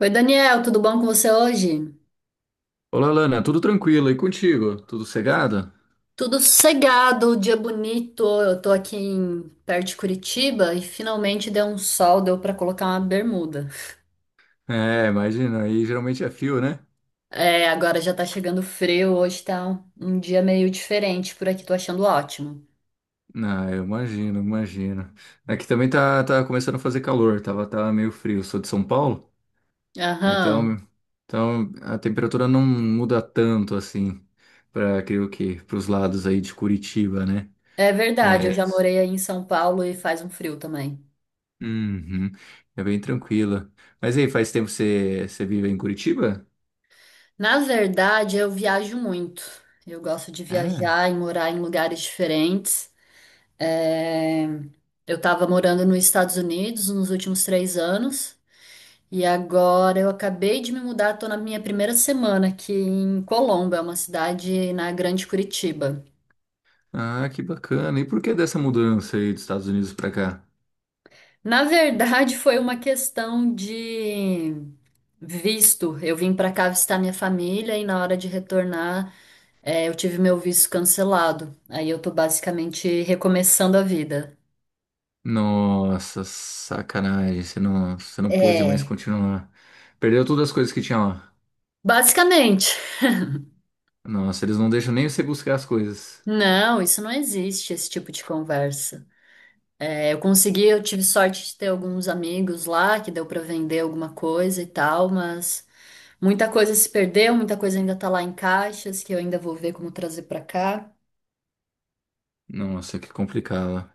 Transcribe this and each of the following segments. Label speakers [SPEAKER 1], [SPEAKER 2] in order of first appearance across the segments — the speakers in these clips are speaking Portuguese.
[SPEAKER 1] Oi, Daniel, tudo bom com você hoje?
[SPEAKER 2] Olá, Lana, tudo tranquilo e contigo? Tudo cegado?
[SPEAKER 1] Tudo sossegado, dia bonito. Eu tô aqui em, perto de Curitiba e finalmente deu um sol, deu pra colocar uma bermuda.
[SPEAKER 2] É, imagina, aí geralmente é fio, né?
[SPEAKER 1] É, agora já tá chegando frio, hoje tá um dia meio diferente por aqui, tô achando ótimo.
[SPEAKER 2] Ah, eu imagino, imagino. Aqui também tá começando a fazer calor, tava meio frio. Sou de São Paulo, então,
[SPEAKER 1] Aham,
[SPEAKER 2] então a temperatura não muda tanto assim, para creio que para os lados aí de Curitiba, né?
[SPEAKER 1] é verdade, eu
[SPEAKER 2] É,
[SPEAKER 1] já
[SPEAKER 2] isso.
[SPEAKER 1] morei aí em São Paulo e faz um frio também.
[SPEAKER 2] Uhum, é bem tranquila. Mas aí, faz tempo que você vive em Curitiba?
[SPEAKER 1] Na verdade, eu viajo muito. Eu gosto de
[SPEAKER 2] É.
[SPEAKER 1] viajar e morar em lugares diferentes. É, eu estava morando nos Estados Unidos nos últimos 3 anos e agora eu acabei de me mudar, estou na minha primeira semana aqui em Colombo, é uma cidade na Grande Curitiba.
[SPEAKER 2] Ah, que bacana. E por que dessa mudança aí dos Estados Unidos para cá?
[SPEAKER 1] Na verdade, foi uma questão de visto. Eu vim para cá visitar minha família e na hora de retornar, eu tive meu visto cancelado. Aí eu tô basicamente recomeçando a vida.
[SPEAKER 2] Nossa, sacanagem. Você não pôde mais
[SPEAKER 1] É,
[SPEAKER 2] continuar. Perdeu todas as coisas que tinha lá.
[SPEAKER 1] basicamente.
[SPEAKER 2] Nossa, eles não deixam nem você buscar as coisas.
[SPEAKER 1] Não, isso não existe, esse tipo de conversa. É, eu consegui, eu tive sorte de ter alguns amigos lá, que deu para vender alguma coisa e tal, mas muita coisa se perdeu, muita coisa ainda tá lá em caixas, que eu ainda vou ver como trazer para cá.
[SPEAKER 2] Nossa, que complicado.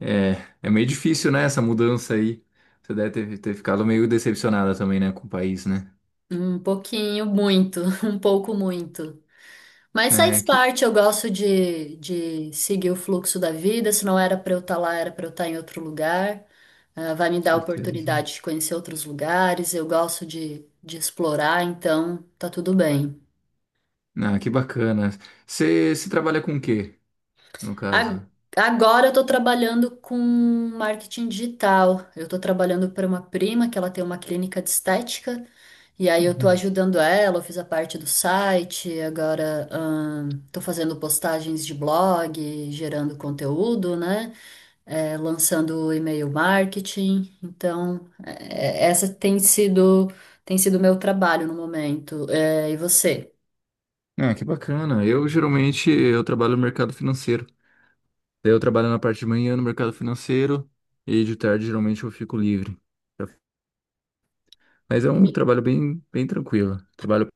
[SPEAKER 2] É, é meio difícil, né, essa mudança aí. Você deve ter ficado meio decepcionada também, né, com o país, né?
[SPEAKER 1] Um pouquinho, muito, um pouco muito. Mas
[SPEAKER 2] É,
[SPEAKER 1] faz
[SPEAKER 2] que com
[SPEAKER 1] parte, eu gosto de seguir o fluxo da vida. Se não era para eu estar lá, era para eu estar em outro lugar. Ah, vai me dar a
[SPEAKER 2] certeza.
[SPEAKER 1] oportunidade de conhecer outros lugares. Eu gosto de explorar, então tá tudo bem.
[SPEAKER 2] Ah, que bacana. Você, se trabalha com o quê, no
[SPEAKER 1] A-
[SPEAKER 2] caso?
[SPEAKER 1] Agora eu estou trabalhando com marketing digital. Eu estou trabalhando para uma prima que ela tem uma clínica de estética e aí eu estou
[SPEAKER 2] Uhum.
[SPEAKER 1] ajudando ela. Eu fiz a parte do site, agora estou fazendo postagens de blog, gerando conteúdo, né? É, lançando e-mail marketing. Então essa tem sido meu trabalho no momento. É, e você?
[SPEAKER 2] Ah, que bacana. Eu geralmente eu trabalho no mercado financeiro. Daí eu trabalho na parte de manhã no mercado financeiro e de tarde geralmente eu fico livre. Mas é um trabalho bem tranquilo. Trabalho,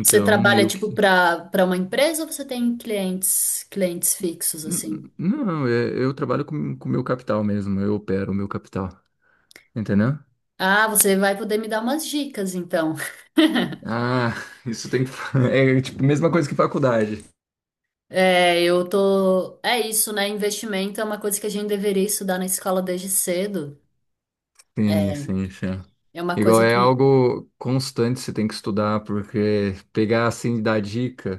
[SPEAKER 1] Você trabalha
[SPEAKER 2] meio
[SPEAKER 1] tipo
[SPEAKER 2] que.
[SPEAKER 1] para uma empresa ou você tem clientes fixos assim?
[SPEAKER 2] Não, eu trabalho com o meu capital mesmo, eu opero o meu capital, entendeu?
[SPEAKER 1] Ah, você vai poder me dar umas dicas então.
[SPEAKER 2] Ah, isso tem que. É tipo a mesma coisa que faculdade.
[SPEAKER 1] É, eu tô. É isso, né? Investimento é uma coisa que a gente deveria estudar na escola desde cedo.
[SPEAKER 2] Sim,
[SPEAKER 1] É,
[SPEAKER 2] sim, sim.
[SPEAKER 1] é uma
[SPEAKER 2] Igual
[SPEAKER 1] coisa
[SPEAKER 2] é
[SPEAKER 1] que
[SPEAKER 2] algo constante, você tem que estudar, porque pegar assim e dar dica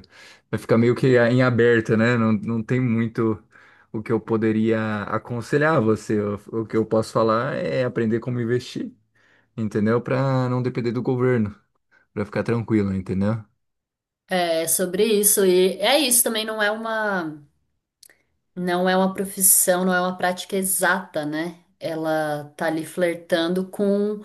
[SPEAKER 2] vai ficar meio que em aberta, né? Não tem muito o que eu poderia aconselhar você. O que eu posso falar é aprender como investir, entendeu? Para não depender do governo, para ficar tranquilo, entendeu?
[SPEAKER 1] é é sobre isso e é isso também não é uma não é uma profissão, não é uma prática exata, né? Ela tá ali flertando com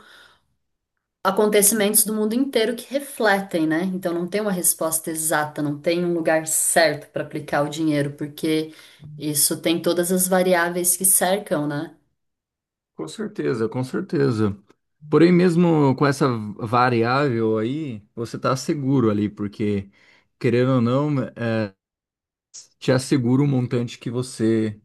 [SPEAKER 1] acontecimentos do mundo inteiro que refletem, né? Então não tem uma resposta exata, não tem um lugar certo para aplicar o dinheiro, porque isso tem todas as variáveis que cercam, né?
[SPEAKER 2] Com certeza, com certeza. Porém, mesmo com essa variável aí, você tá seguro ali, porque querendo ou não, te assegura o montante que você.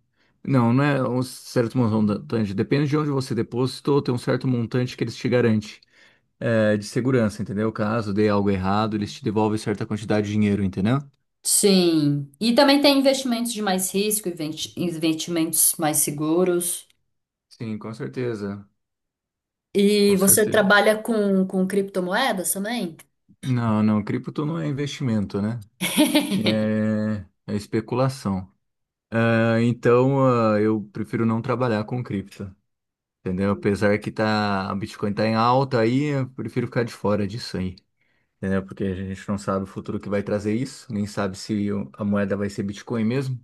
[SPEAKER 2] Não, não é um certo montante. Depende de onde você depositou, tem um certo montante que eles te garantem, é, de segurança, entendeu? Caso dê algo errado, eles te devolvem certa quantidade de dinheiro, entendeu?
[SPEAKER 1] Sim. E também tem investimentos de mais risco, investimentos mais seguros.
[SPEAKER 2] Sim, com certeza.
[SPEAKER 1] E
[SPEAKER 2] Com
[SPEAKER 1] você
[SPEAKER 2] certeza.
[SPEAKER 1] trabalha com criptomoedas também?
[SPEAKER 2] Não, não, cripto não é investimento, né? É, é especulação. Ah, então, eu prefiro não trabalhar com cripto, entendeu? Apesar que tá, a Bitcoin tá em alta aí, eu prefiro ficar de fora disso aí, entendeu? Porque a gente não sabe o futuro que vai trazer isso, nem sabe se a moeda vai ser Bitcoin mesmo,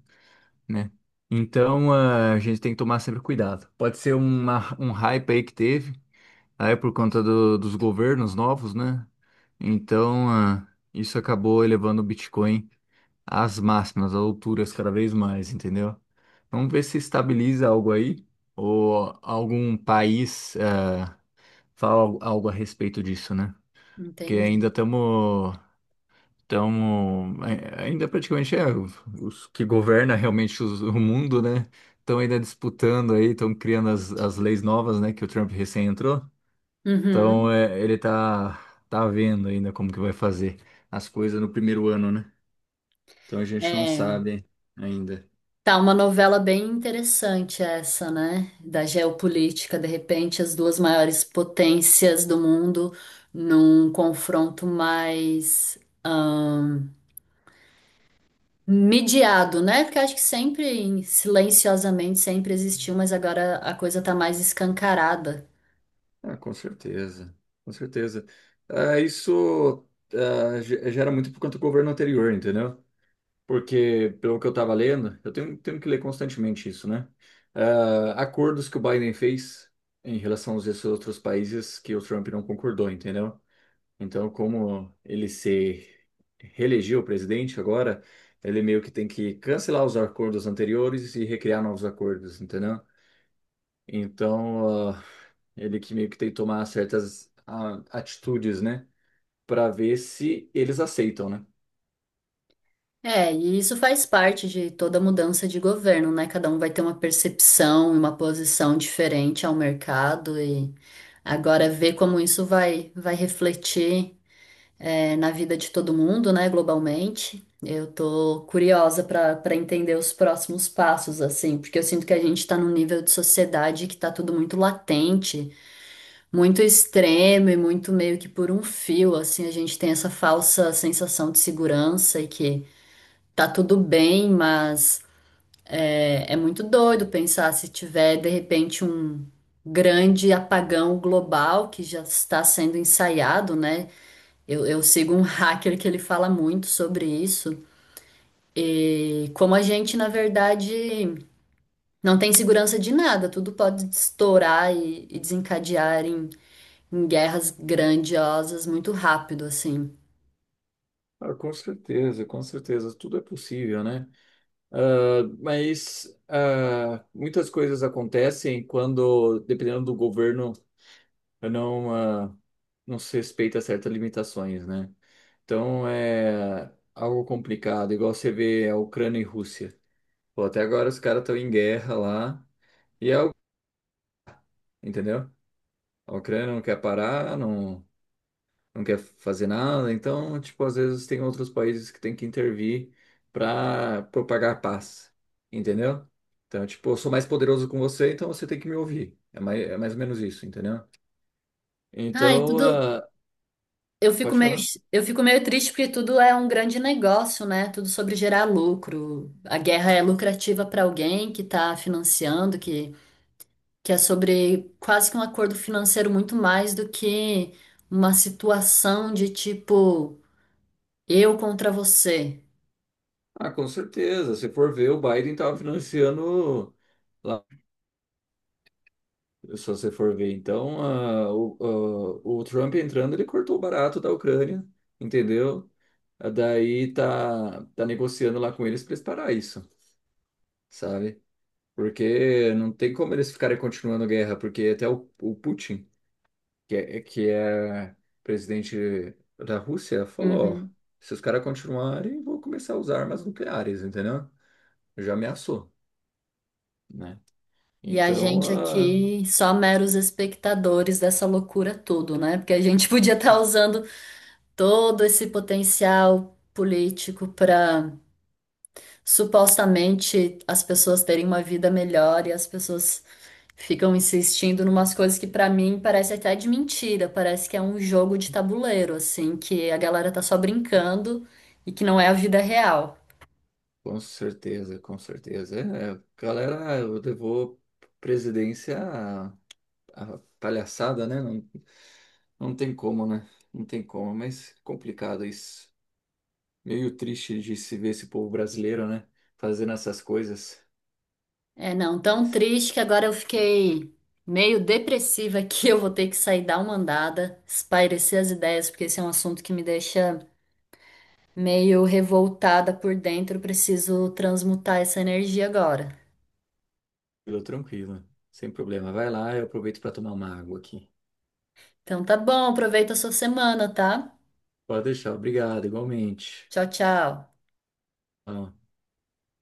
[SPEAKER 2] né? Então, a gente tem que tomar sempre cuidado. Pode ser uma, um hype aí que teve, aí é por conta dos governos novos, né? Então, isso acabou elevando o Bitcoin às máximas, às alturas cada vez mais, entendeu? Vamos ver se estabiliza algo aí, ou algum país, fala algo algo a respeito disso, né? Porque ainda
[SPEAKER 1] Entendi.
[SPEAKER 2] estamos. Então, ainda praticamente é os que governa realmente o mundo, né? Estão ainda disputando aí, estão criando as leis novas, né? Que o Trump recém entrou. Então,
[SPEAKER 1] Uhum.
[SPEAKER 2] é, ele tá vendo ainda como que vai fazer as coisas no primeiro ano, né? Então, a gente não
[SPEAKER 1] É.
[SPEAKER 2] sabe ainda.
[SPEAKER 1] Tá uma novela bem interessante essa, né? Da geopolítica, de repente, as duas maiores potências do mundo num confronto mais ahn, mediado, né? Porque acho que sempre, silenciosamente, sempre existiu, mas agora a coisa tá mais escancarada.
[SPEAKER 2] Ah, com certeza, com certeza. Ah, isso gera muito por conta do governo anterior, entendeu? Porque, pelo que eu estava lendo, eu tenho que ler constantemente isso, né? Ah, acordos que o Biden fez em relação aos esses outros países que o Trump não concordou, entendeu? Então, como ele se reelegeu presidente agora, ele meio que tem que cancelar os acordos anteriores e recriar novos acordos, entendeu? Então, ele que meio que tem que tomar certas atitudes, né? Para ver se eles aceitam, né?
[SPEAKER 1] É, e isso faz parte de toda mudança de governo, né? Cada um vai ter uma percepção e uma posição diferente ao mercado e agora ver como isso vai refletir. É, na vida de todo mundo, né, globalmente. Eu tô curiosa para entender os próximos passos, assim, porque eu sinto que a gente está num nível de sociedade que tá tudo muito latente, muito extremo e muito meio que por um fio, assim, a gente tem essa falsa sensação de segurança e que tá tudo bem, mas é muito doido pensar se tiver de repente um grande apagão global que já está sendo ensaiado, né? Eu sigo um hacker que ele fala muito sobre isso. E como a gente, na verdade, não tem segurança de nada, tudo pode estourar e desencadear em, em guerras grandiosas muito rápido, assim.
[SPEAKER 2] Ah, com certeza, tudo é possível, né? Ah, mas muitas coisas acontecem quando, dependendo do governo, não, não se respeita certas limitações, né? Então é algo complicado, igual você vê a Ucrânia e Rússia. Pô, até agora os caras estão em guerra lá, e é algo, entendeu? A Ucrânia não quer parar, não, não quer fazer nada. Então, tipo, às vezes tem outros países que tem que intervir para propagar a paz, entendeu? Então, tipo, eu sou mais poderoso com você, então você tem que me ouvir. É mais ou menos isso, entendeu?
[SPEAKER 1] Ah, e
[SPEAKER 2] Então,
[SPEAKER 1] tudo.
[SPEAKER 2] ah,
[SPEAKER 1] Eu fico
[SPEAKER 2] pode
[SPEAKER 1] meio,
[SPEAKER 2] falar?
[SPEAKER 1] eu fico meio triste porque tudo é um grande negócio, né? Tudo sobre gerar lucro. A guerra é lucrativa para alguém que está financiando, que é sobre quase que um acordo financeiro muito mais do que uma situação de tipo eu contra você.
[SPEAKER 2] Ah, com certeza. Se for ver, o Biden estava financiando lá, se você for ver. Então, ah, o Trump entrando, ele cortou barato da Ucrânia, entendeu? Ah, daí tá negociando lá com eles para eles parar isso, sabe? Porque não tem como eles ficarem continuando a guerra, porque até o Putin, que é presidente da Rússia, falou, ó,
[SPEAKER 1] Uhum.
[SPEAKER 2] se os caras continuarem, vou começar a usar armas nucleares, entendeu? Já ameaçou, né?
[SPEAKER 1] E a
[SPEAKER 2] Então,
[SPEAKER 1] gente aqui só meros espectadores dessa loucura tudo, né? Porque a gente podia estar usando todo esse potencial político para supostamente as pessoas terem uma vida melhor e as pessoas ficam insistindo numas coisas que pra mim parece até de mentira, parece que é um jogo de tabuleiro, assim, que a galera tá só brincando e que não é a vida real.
[SPEAKER 2] com certeza, com certeza. É, galera, eu devo presidência à, à palhaçada, né? Não, não tem como, né? Não tem como, mas complicado isso. Meio triste de se ver esse povo brasileiro, né? Fazendo essas coisas.
[SPEAKER 1] É, não, tão
[SPEAKER 2] Mas,
[SPEAKER 1] triste que agora eu fiquei meio depressiva aqui, eu vou ter que sair dar uma andada, espairecer as ideias, porque esse é um assunto que me deixa meio revoltada por dentro, eu preciso transmutar essa energia agora.
[SPEAKER 2] tranquilo, tranquilo. Sem problema. Vai lá, eu aproveito para tomar uma água aqui.
[SPEAKER 1] Então tá bom, aproveita a sua semana, tá?
[SPEAKER 2] Pode deixar, obrigado, igualmente.
[SPEAKER 1] Tchau, tchau.
[SPEAKER 2] Tchau.